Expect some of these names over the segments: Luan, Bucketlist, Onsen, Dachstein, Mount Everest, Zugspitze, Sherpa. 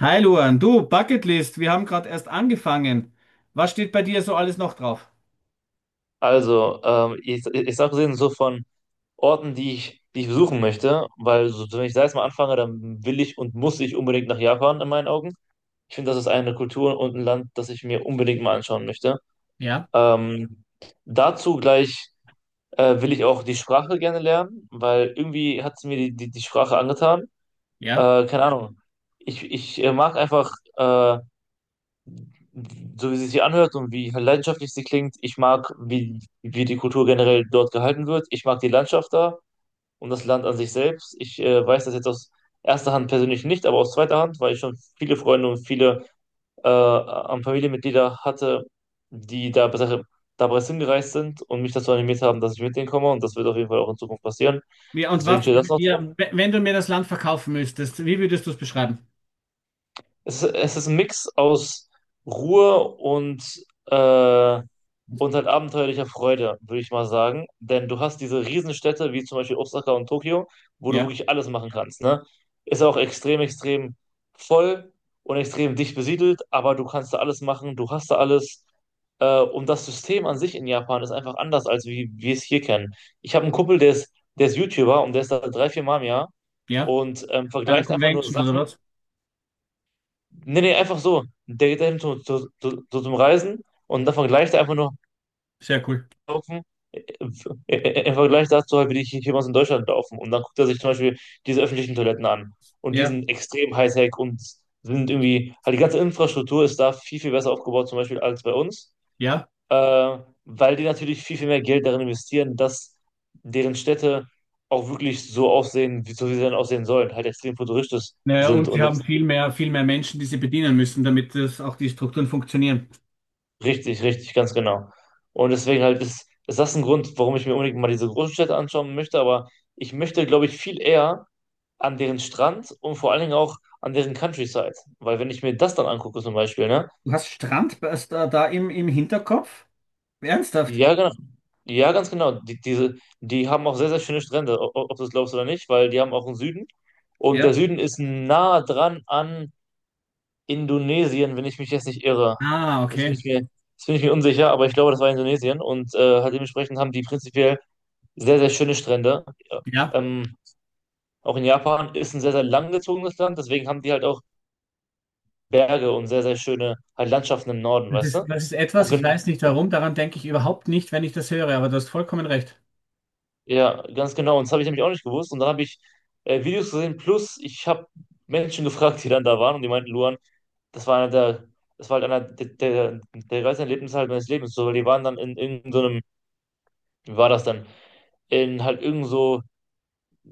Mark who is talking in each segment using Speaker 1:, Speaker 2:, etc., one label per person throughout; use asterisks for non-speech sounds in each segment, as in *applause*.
Speaker 1: Hi Luan, du, Bucketlist, wir haben gerade erst angefangen. Was steht bei dir so alles noch drauf?
Speaker 2: Ich sag gesehen, so von Orten, die ich besuchen möchte, weil so, wenn ich da jetzt mal anfange, dann will ich und muss ich unbedingt nach Japan in meinen Augen. Ich finde, das ist eine Kultur und ein Land, das ich mir unbedingt mal anschauen möchte.
Speaker 1: Ja,
Speaker 2: Ähm, Dazu gleich will ich auch die Sprache gerne lernen, weil irgendwie hat es mir die Sprache angetan.
Speaker 1: ja.
Speaker 2: Keine Ahnung. Ich mag einfach so, wie sie sich anhört und wie leidenschaftlich sie klingt. Ich mag, wie die Kultur generell dort gehalten wird. Ich mag die Landschaft da und das Land an sich selbst. Ich weiß das jetzt aus erster Hand persönlich nicht, aber aus zweiter Hand, weil ich schon viele Freunde und viele an Familienmitglieder hatte, die da bereits hingereist sind und mich dazu animiert haben, dass ich mit denen komme, und das wird auf jeden Fall auch in Zukunft passieren.
Speaker 1: Wie, und
Speaker 2: Deswegen
Speaker 1: was,
Speaker 2: steht das noch
Speaker 1: ja,
Speaker 2: drauf.
Speaker 1: w- Wenn du mir das Land verkaufen müsstest, wie würdest du es beschreiben?
Speaker 2: Es ist ein Mix aus Ruhe und, äh, und halt abenteuerlicher Freude, würde ich mal sagen. Denn du hast diese Riesenstädte, wie zum Beispiel Osaka und Tokio, wo du
Speaker 1: Ja,
Speaker 2: wirklich alles machen kannst, ne? Ist auch extrem voll und extrem dicht besiedelt, aber du kannst da alles machen, du hast da alles. Und das System an sich in Japan ist einfach anders, als wie wir es hier kennen. Ich habe einen Kumpel, der ist YouTuber und der ist da drei, vier Mal im Jahr
Speaker 1: ja,
Speaker 2: und
Speaker 1: bei einer
Speaker 2: vergleicht einfach nur
Speaker 1: Convention oder
Speaker 2: Sachen.
Speaker 1: was?
Speaker 2: Nee, nee, einfach so. Der geht dahin zum Reisen und dann vergleicht er einfach nur
Speaker 1: Sehr cool.
Speaker 2: laufen, im Vergleich dazu halt, wie hier bei in Deutschland laufen. Und dann guckt er sich zum Beispiel diese öffentlichen Toiletten an. Und die
Speaker 1: Ja,
Speaker 2: sind extrem Hightech und sind irgendwie, halt die ganze Infrastruktur ist da viel besser aufgebaut, zum Beispiel als bei uns.
Speaker 1: ja.
Speaker 2: Äh, weil die natürlich viel mehr Geld darin investieren, dass deren Städte auch wirklich so aussehen, wie so wie sie dann aussehen sollen, halt extrem futuristisch
Speaker 1: Naja,
Speaker 2: sind.
Speaker 1: und
Speaker 2: Und
Speaker 1: sie haben
Speaker 2: das
Speaker 1: viel mehr Menschen, die sie bedienen müssen, damit das auch die Strukturen funktionieren.
Speaker 2: richtig, richtig, ganz genau. Und deswegen halt ist das ein Grund, warum ich mir unbedingt mal diese großen Städte anschauen möchte, aber ich möchte, glaube ich, viel eher an deren Strand und vor allen Dingen auch an deren Countryside. Weil wenn ich mir das dann angucke zum Beispiel, ne?
Speaker 1: Du hast Strand da im Hinterkopf? Ernsthaft?
Speaker 2: Ja, genau. Ja, ganz genau. Die haben auch sehr, sehr schöne Strände, ob du es glaubst oder nicht, weil die haben auch einen Süden. Und der
Speaker 1: Ja.
Speaker 2: Süden ist nah dran an Indonesien, wenn ich mich jetzt nicht irre.
Speaker 1: Ah,
Speaker 2: Jetzt bin
Speaker 1: okay.
Speaker 2: ich mir, jetzt bin ich mir unsicher, aber ich glaube, das war Indonesien. Und halt dementsprechend haben die prinzipiell sehr, sehr schöne Strände. Ja. Ähm, auch in Japan ist ein sehr, sehr langgezogenes Land, deswegen haben die halt auch Berge und sehr, sehr schöne halt Landschaften im Norden,
Speaker 1: Das
Speaker 2: weißt du?
Speaker 1: ist, das ist
Speaker 2: Und
Speaker 1: etwas, ich
Speaker 2: gen
Speaker 1: weiß nicht warum, daran denke ich überhaupt nicht, wenn ich das höre, aber du hast vollkommen recht.
Speaker 2: Ja, ganz genau. Und das habe ich nämlich auch nicht gewusst. Und dann habe ich Videos gesehen, plus ich habe Menschen *laughs* gefragt, die dann da waren, und die meinten, Luan, das war einer der, das war halt einer der geilsten Erlebnisse halt meines Lebens. So, weil die waren dann in irgendeinem, so einem- wie war das dann? In halt irgend so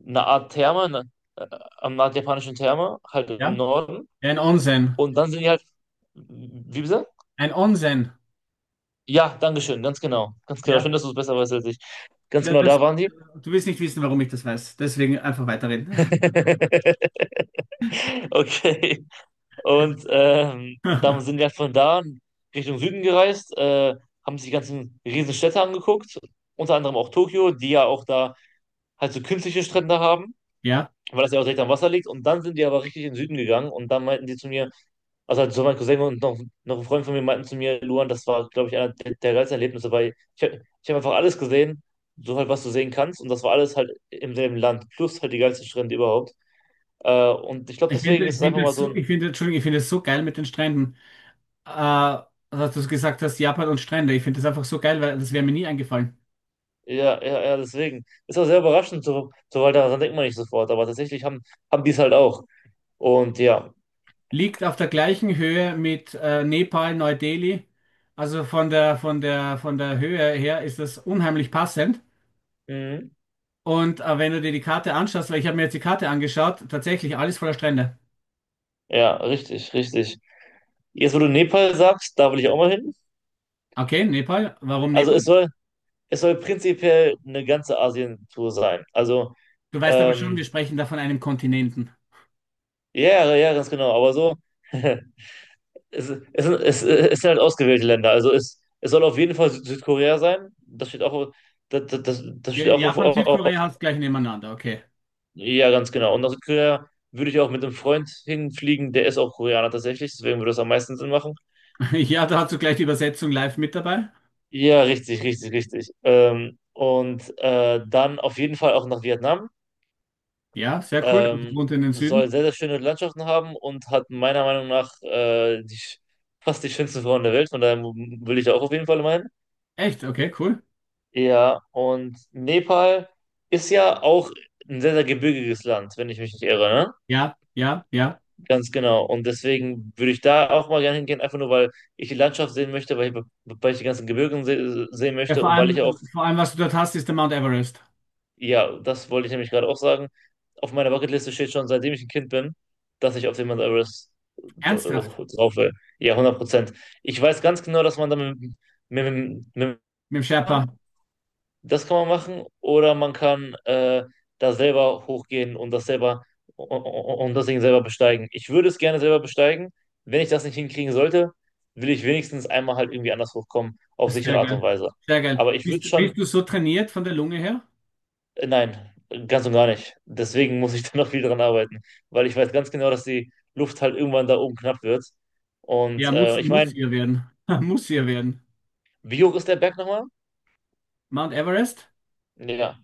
Speaker 2: eine Art Therme, ne, am nordjapanischen Therme, halt im
Speaker 1: Ja?
Speaker 2: Norden.
Speaker 1: Ein Onsen.
Speaker 2: Und dann sind die halt, wie bitte?
Speaker 1: Ein Onsen.
Speaker 2: Ja, danke schön. Ganz genau. Ganz genau. Schön,
Speaker 1: Ja.
Speaker 2: dass du es besser weißt als ich. Ganz
Speaker 1: Na,
Speaker 2: genau,
Speaker 1: das,
Speaker 2: da waren die.
Speaker 1: du willst nicht wissen, warum ich das weiß. Deswegen einfach weiterreden.
Speaker 2: *laughs* Okay. Und dann sind
Speaker 1: *laughs*
Speaker 2: wir halt von da Richtung Süden gereist, haben sich die ganzen Riesenstädte angeguckt, unter anderem auch Tokio, die ja auch da halt so künstliche Strände haben,
Speaker 1: Ja.
Speaker 2: weil das ja auch direkt am Wasser liegt. Und dann sind die aber richtig in den Süden gegangen, und dann meinten die zu mir, Also halt so mein Cousin und noch, noch ein Freund von mir meinten zu mir, Luan, das war, glaube ich, einer der geilsten Erlebnisse, weil ich habe einfach alles gesehen, so halt, was du sehen kannst, und das war alles halt im selben Land, plus halt die geilste Strände überhaupt. Und ich glaube, deswegen ist
Speaker 1: Ich
Speaker 2: es einfach
Speaker 1: finde
Speaker 2: mal
Speaker 1: es
Speaker 2: so
Speaker 1: so,
Speaker 2: ein,
Speaker 1: ich finde, Entschuldigung, ich finde es so geil mit den Stränden. Äh, dass du gesagt hast, Japan und Strände. Ich finde das einfach so geil, weil das wäre mir nie eingefallen.
Speaker 2: ja, ja, ja, deswegen. Ist auch sehr überraschend, weil daran denkt man nicht sofort, aber haben die es halt auch. Und ja,
Speaker 1: Liegt auf der gleichen Höhe mit Nepal, Neu-Delhi. Also von der, von der Höhe her ist das unheimlich passend.
Speaker 2: mhm,
Speaker 1: Und wenn du dir die Karte anschaust, weil ich habe mir jetzt die Karte angeschaut, tatsächlich alles voller Strände.
Speaker 2: ja, richtig, richtig. Jetzt, wo du Nepal sagst, da will ich auch mal hin.
Speaker 1: Okay, Nepal. Warum
Speaker 2: Also es
Speaker 1: Nepal?
Speaker 2: soll Es soll prinzipiell eine ganze Asien-Tour sein. Also,
Speaker 1: Du weißt aber schon,
Speaker 2: ähm,
Speaker 1: wir sprechen da von einem Kontinenten.
Speaker 2: ja, ja, ja, ganz genau. Aber so, *laughs* es sind halt ausgewählte Länder. Also, es soll auf jeden Fall Südkorea sein. Das das
Speaker 1: Ja,
Speaker 2: steht auch
Speaker 1: Japan,
Speaker 2: auf,
Speaker 1: Südkorea hast gleich nebeneinander. Okay.
Speaker 2: ja, ganz genau. Und nach Südkorea würde ich auch mit einem Freund hinfliegen, der ist auch Koreaner tatsächlich. Deswegen würde das am meisten Sinn machen.
Speaker 1: *laughs* Ja, da hast du gleich die Übersetzung live mit dabei.
Speaker 2: Ja, richtig, richtig, richtig. Und dann auf jeden Fall auch nach Vietnam.
Speaker 1: Ja, sehr cool. Du wohnst in den
Speaker 2: Soll
Speaker 1: Süden.
Speaker 2: sehr, sehr schöne Landschaften haben und hat meiner Meinung nach fast die schönsten Frauen der Welt. Von daher will ich da auch auf jeden Fall meinen.
Speaker 1: Echt? Okay, cool.
Speaker 2: Ja, und Nepal ist ja auch ein sehr, sehr gebirgiges Land, wenn ich mich nicht irre, ne?
Speaker 1: Ja.
Speaker 2: Ganz genau. Und deswegen würde ich da auch mal gerne hingehen, einfach nur, weil ich die Landschaft sehen möchte, weil ich die ganzen Gebirge se sehen
Speaker 1: Ja,
Speaker 2: möchte,
Speaker 1: vor
Speaker 2: und weil ich auch
Speaker 1: allem, vor allem, was du dort hast, ist der Mount Everest.
Speaker 2: ja, das wollte ich nämlich gerade auch sagen. Auf meiner Bucketliste steht schon, seitdem ich ein Kind bin, dass ich auf den Mount Everest
Speaker 1: Ernsthaft?
Speaker 2: drauf will. Ja, 100%. Ich weiß ganz genau, dass man da mit, mit
Speaker 1: Mit dem Sherpa.
Speaker 2: das kann man machen, oder man kann da selber hochgehen und das selber und das Ding selber besteigen. Ich würde es gerne selber besteigen. Wenn ich das nicht hinkriegen sollte, will ich wenigstens einmal halt irgendwie anders hochkommen, auf
Speaker 1: Sehr
Speaker 2: sichere Art und
Speaker 1: geil.
Speaker 2: Weise.
Speaker 1: Sehr geil.
Speaker 2: Aber ich würde
Speaker 1: Bist, bist
Speaker 2: schon,
Speaker 1: du so trainiert von der Lunge her?
Speaker 2: Nein, ganz und gar nicht. Deswegen muss ich *laughs* da noch viel dran arbeiten, weil ich weiß ganz genau, dass die Luft halt irgendwann da oben knapp wird.
Speaker 1: Ja,
Speaker 2: Und ich
Speaker 1: muss
Speaker 2: meine,
Speaker 1: ihr werden. *laughs* Muss ihr werden.
Speaker 2: wie hoch ist der Berg nochmal?
Speaker 1: Mount Everest,
Speaker 2: Ja.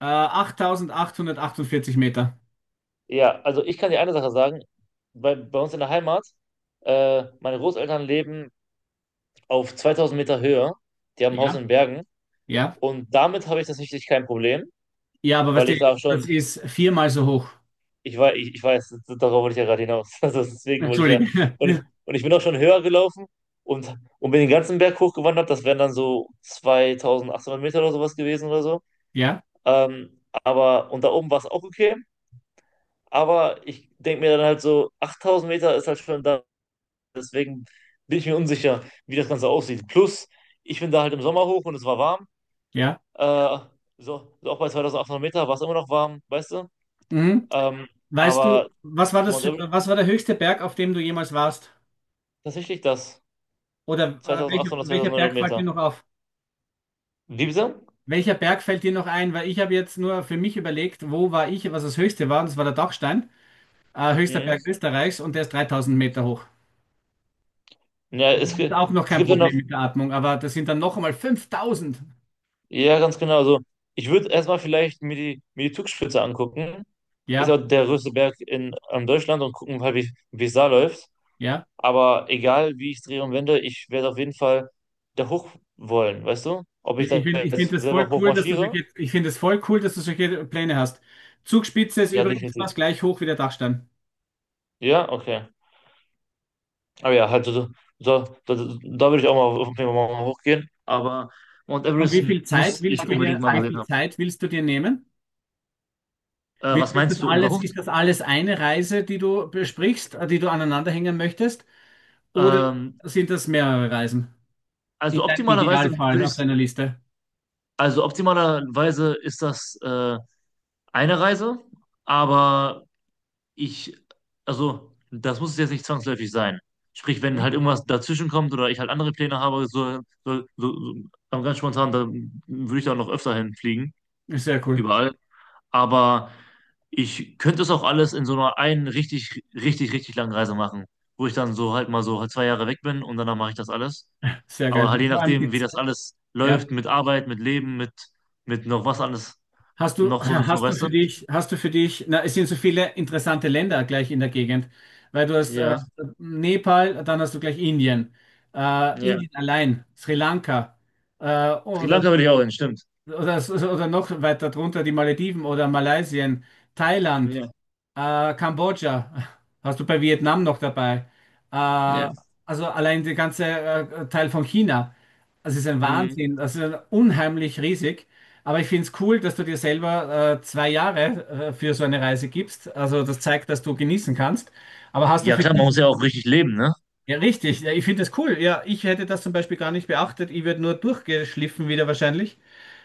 Speaker 1: 8848 Meter.
Speaker 2: Ja, also ich kann dir eine Sache sagen. Bei uns in der Heimat, meine Großeltern leben auf 2000 Meter Höhe. Die haben ein Haus
Speaker 1: Ja,
Speaker 2: in Bergen.
Speaker 1: ja.
Speaker 2: Und damit habe ich tatsächlich kein Problem,
Speaker 1: Ja, aber weißt
Speaker 2: weil
Speaker 1: du,
Speaker 2: ich da schon
Speaker 1: das ist viermal so hoch.
Speaker 2: ich weiß, ich weiß, darauf wollte ich ja gerade hinaus. *laughs* Also deswegen wollte ich ja.
Speaker 1: Entschuldige. *laughs*
Speaker 2: Und ich bin auch schon höher gelaufen und, und bin den ganzen Berg hochgewandert. Das wären dann so 2800 Meter oder sowas gewesen oder so.
Speaker 1: Ja,
Speaker 2: Aber und da oben war es auch okay. Aber ich denke mir dann halt so, 8000 Meter ist halt schon da. Deswegen bin ich mir unsicher, wie das Ganze aussieht. Plus, ich bin da halt im Sommer hoch und es war warm.
Speaker 1: ja.
Speaker 2: Äh, Auch bei 2800 Meter war es immer noch warm, weißt du?
Speaker 1: Mhm.
Speaker 2: Ähm,
Speaker 1: Weißt du,
Speaker 2: aber Mount Everest,
Speaker 1: was war der höchste Berg, auf dem du jemals warst?
Speaker 2: tatsächlich das.
Speaker 1: Oder
Speaker 2: 2800,
Speaker 1: welcher
Speaker 2: 2900
Speaker 1: Berg fällt dir
Speaker 2: Meter.
Speaker 1: noch auf?
Speaker 2: Wie bitte?
Speaker 1: Welcher Berg fällt dir noch ein? Weil ich habe jetzt nur für mich überlegt, wo war ich, was das höchste war, und das war der Dachstein, höchster
Speaker 2: Mhm.
Speaker 1: Berg Österreichs, und der ist 3000 Meter hoch.
Speaker 2: Ja, es,
Speaker 1: Ist
Speaker 2: gi-
Speaker 1: auch noch
Speaker 2: es
Speaker 1: kein
Speaker 2: gibt ja noch,
Speaker 1: Problem mit der Atmung, aber das sind dann noch einmal 5000.
Speaker 2: ja, ganz genau. Also, ich würde erstmal vielleicht mir mir die Zugspitze angucken. Ist
Speaker 1: Ja,
Speaker 2: ja der größte Berg in Deutschland, und gucken halt, wie wie es da läuft.
Speaker 1: ja.
Speaker 2: Aber egal, wie ich es drehe und wende, ich werde auf jeden Fall da hoch wollen, weißt du? Ob ich
Speaker 1: Ja,
Speaker 2: da
Speaker 1: ich finde ich find
Speaker 2: jetzt
Speaker 1: das voll
Speaker 2: selber hoch
Speaker 1: cool, dass du
Speaker 2: marschiere?
Speaker 1: solche, ich finde es voll cool, dass du solche Pläne hast. Zugspitze ist
Speaker 2: Ja,
Speaker 1: übrigens
Speaker 2: definitiv.
Speaker 1: fast gleich hoch wie der Dachstein.
Speaker 2: Ja, okay. Aber ja, halt, so, so, so, da, da würde ich auch mal auf jeden Fall mal hochgehen. Aber Mount
Speaker 1: Und
Speaker 2: Everest muss ich unbedingt mal
Speaker 1: wie
Speaker 2: gesehen
Speaker 1: viel
Speaker 2: haben.
Speaker 1: Zeit willst du dir nehmen?
Speaker 2: Was meinst du, um da hoch?
Speaker 1: Ist das alles eine Reise, die du besprichst, die du aneinanderhängen möchtest? Oder
Speaker 2: Ähm,
Speaker 1: sind das mehrere Reisen? In
Speaker 2: also
Speaker 1: deinem
Speaker 2: optimalerweise
Speaker 1: Idealfall
Speaker 2: würde
Speaker 1: auf
Speaker 2: ich,
Speaker 1: deiner Liste.
Speaker 2: also optimalerweise ist das eine Reise, aber ich, also das muss es jetzt nicht zwangsläufig sein. Sprich, wenn
Speaker 1: Hm?
Speaker 2: halt irgendwas dazwischen kommt oder ich halt andere Pläne habe, so, so, so, so aber ganz spontan, dann würde ich da noch öfter hinfliegen,
Speaker 1: Sehr cool.
Speaker 2: überall. Aber ich könnte es auch alles in so einer einen richtig, richtig, richtig langen Reise machen, wo ich dann so halt mal so halt 2 Jahre weg bin und danach mache ich das alles.
Speaker 1: Sehr
Speaker 2: Aber halt
Speaker 1: geil.
Speaker 2: je
Speaker 1: Vor allem
Speaker 2: nachdem, wie
Speaker 1: gibt's,
Speaker 2: das alles
Speaker 1: ja.
Speaker 2: läuft, mit Arbeit, mit Leben, mit noch was alles,
Speaker 1: Hast du, *clears throat*
Speaker 2: noch sonst so, weißt du?
Speaker 1: hast du für dich, na, es sind so viele interessante Länder gleich in der Gegend, weil du hast
Speaker 2: Ja,
Speaker 1: Nepal, dann hast du gleich Indien,
Speaker 2: ja.
Speaker 1: Indien allein, Sri Lanka, äh,
Speaker 2: Sri
Speaker 1: oder
Speaker 2: Lanka würde ich auch hin, stimmt.
Speaker 1: oder, oder noch weiter drunter die Malediven oder Malaysia, Thailand,
Speaker 2: Ja,
Speaker 1: Kambodscha, hast du bei Vietnam noch dabei.
Speaker 2: ja.
Speaker 1: Äh, also allein der ganze Teil von China. Das ist ein
Speaker 2: Mhm.
Speaker 1: Wahnsinn, das ist unheimlich riesig. Aber ich finde es cool, dass du dir selber zwei Jahre für so eine Reise gibst. Also das zeigt, dass du genießen kannst. Aber hast du
Speaker 2: Ja,
Speaker 1: für
Speaker 2: klar, man
Speaker 1: dich
Speaker 2: muss ja auch richtig leben, ne?
Speaker 1: ja, richtig. Ja, ich finde das cool. Ja, ich hätte das zum Beispiel gar nicht beachtet. Ich werde nur durchgeschliffen wieder wahrscheinlich.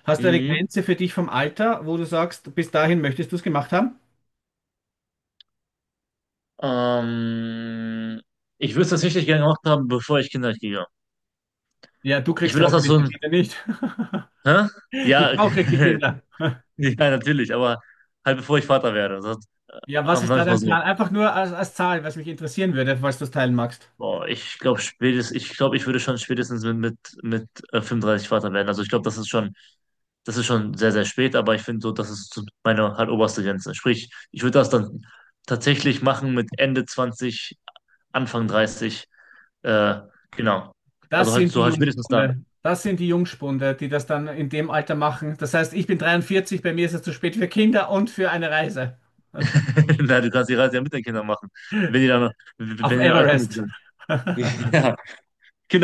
Speaker 1: Hast du eine
Speaker 2: Mhm.
Speaker 1: Grenze für dich vom Alter, wo du sagst, bis dahin möchtest du es gemacht haben?
Speaker 2: Ähm, ich würde es tatsächlich gerne gemacht haben, bevor ich Kinder kriege.
Speaker 1: Ja, du
Speaker 2: Ich
Speaker 1: kriegst
Speaker 2: will,
Speaker 1: ja
Speaker 2: dass das
Speaker 1: hoffentlich
Speaker 2: so
Speaker 1: die
Speaker 2: ein,
Speaker 1: Kinder nicht. *laughs*
Speaker 2: hä? Ja,
Speaker 1: Die Frau kriegt die Kinder.
Speaker 2: *laughs* ja, natürlich, aber halt bevor ich Vater werde. Das,
Speaker 1: Ja, was ist
Speaker 2: sag
Speaker 1: da
Speaker 2: ich mal
Speaker 1: dein
Speaker 2: so.
Speaker 1: Plan? Einfach nur als, als Zahl, was mich interessieren würde, falls du es teilen magst.
Speaker 2: Boah, ich glaube spätestens, ich glaube, ich würde schon spätestens mit, mit 35 Vater werden. Also ich glaube, das ist schon sehr, sehr spät, aber ich finde so, das ist so meine halt oberste Grenze. Sprich, ich würde das dann tatsächlich machen mit Ende 20, Anfang 30. Äh, genau.
Speaker 1: Das
Speaker 2: Also halt
Speaker 1: sind
Speaker 2: so
Speaker 1: die
Speaker 2: halt spätestens dann.
Speaker 1: Jungspunde. Das sind die Jungspunde, die das dann in dem Alter machen. Das heißt, ich bin 43, bei mir ist es zu spät für Kinder und für eine Reise
Speaker 2: *laughs* Na, du kannst die Reise ja mit den Kindern machen, wenn die dann, wenn die
Speaker 1: auf dem
Speaker 2: dann alt genug
Speaker 1: Everest.
Speaker 2: sind. *laughs* Ja,
Speaker 1: *laughs*
Speaker 2: Kinder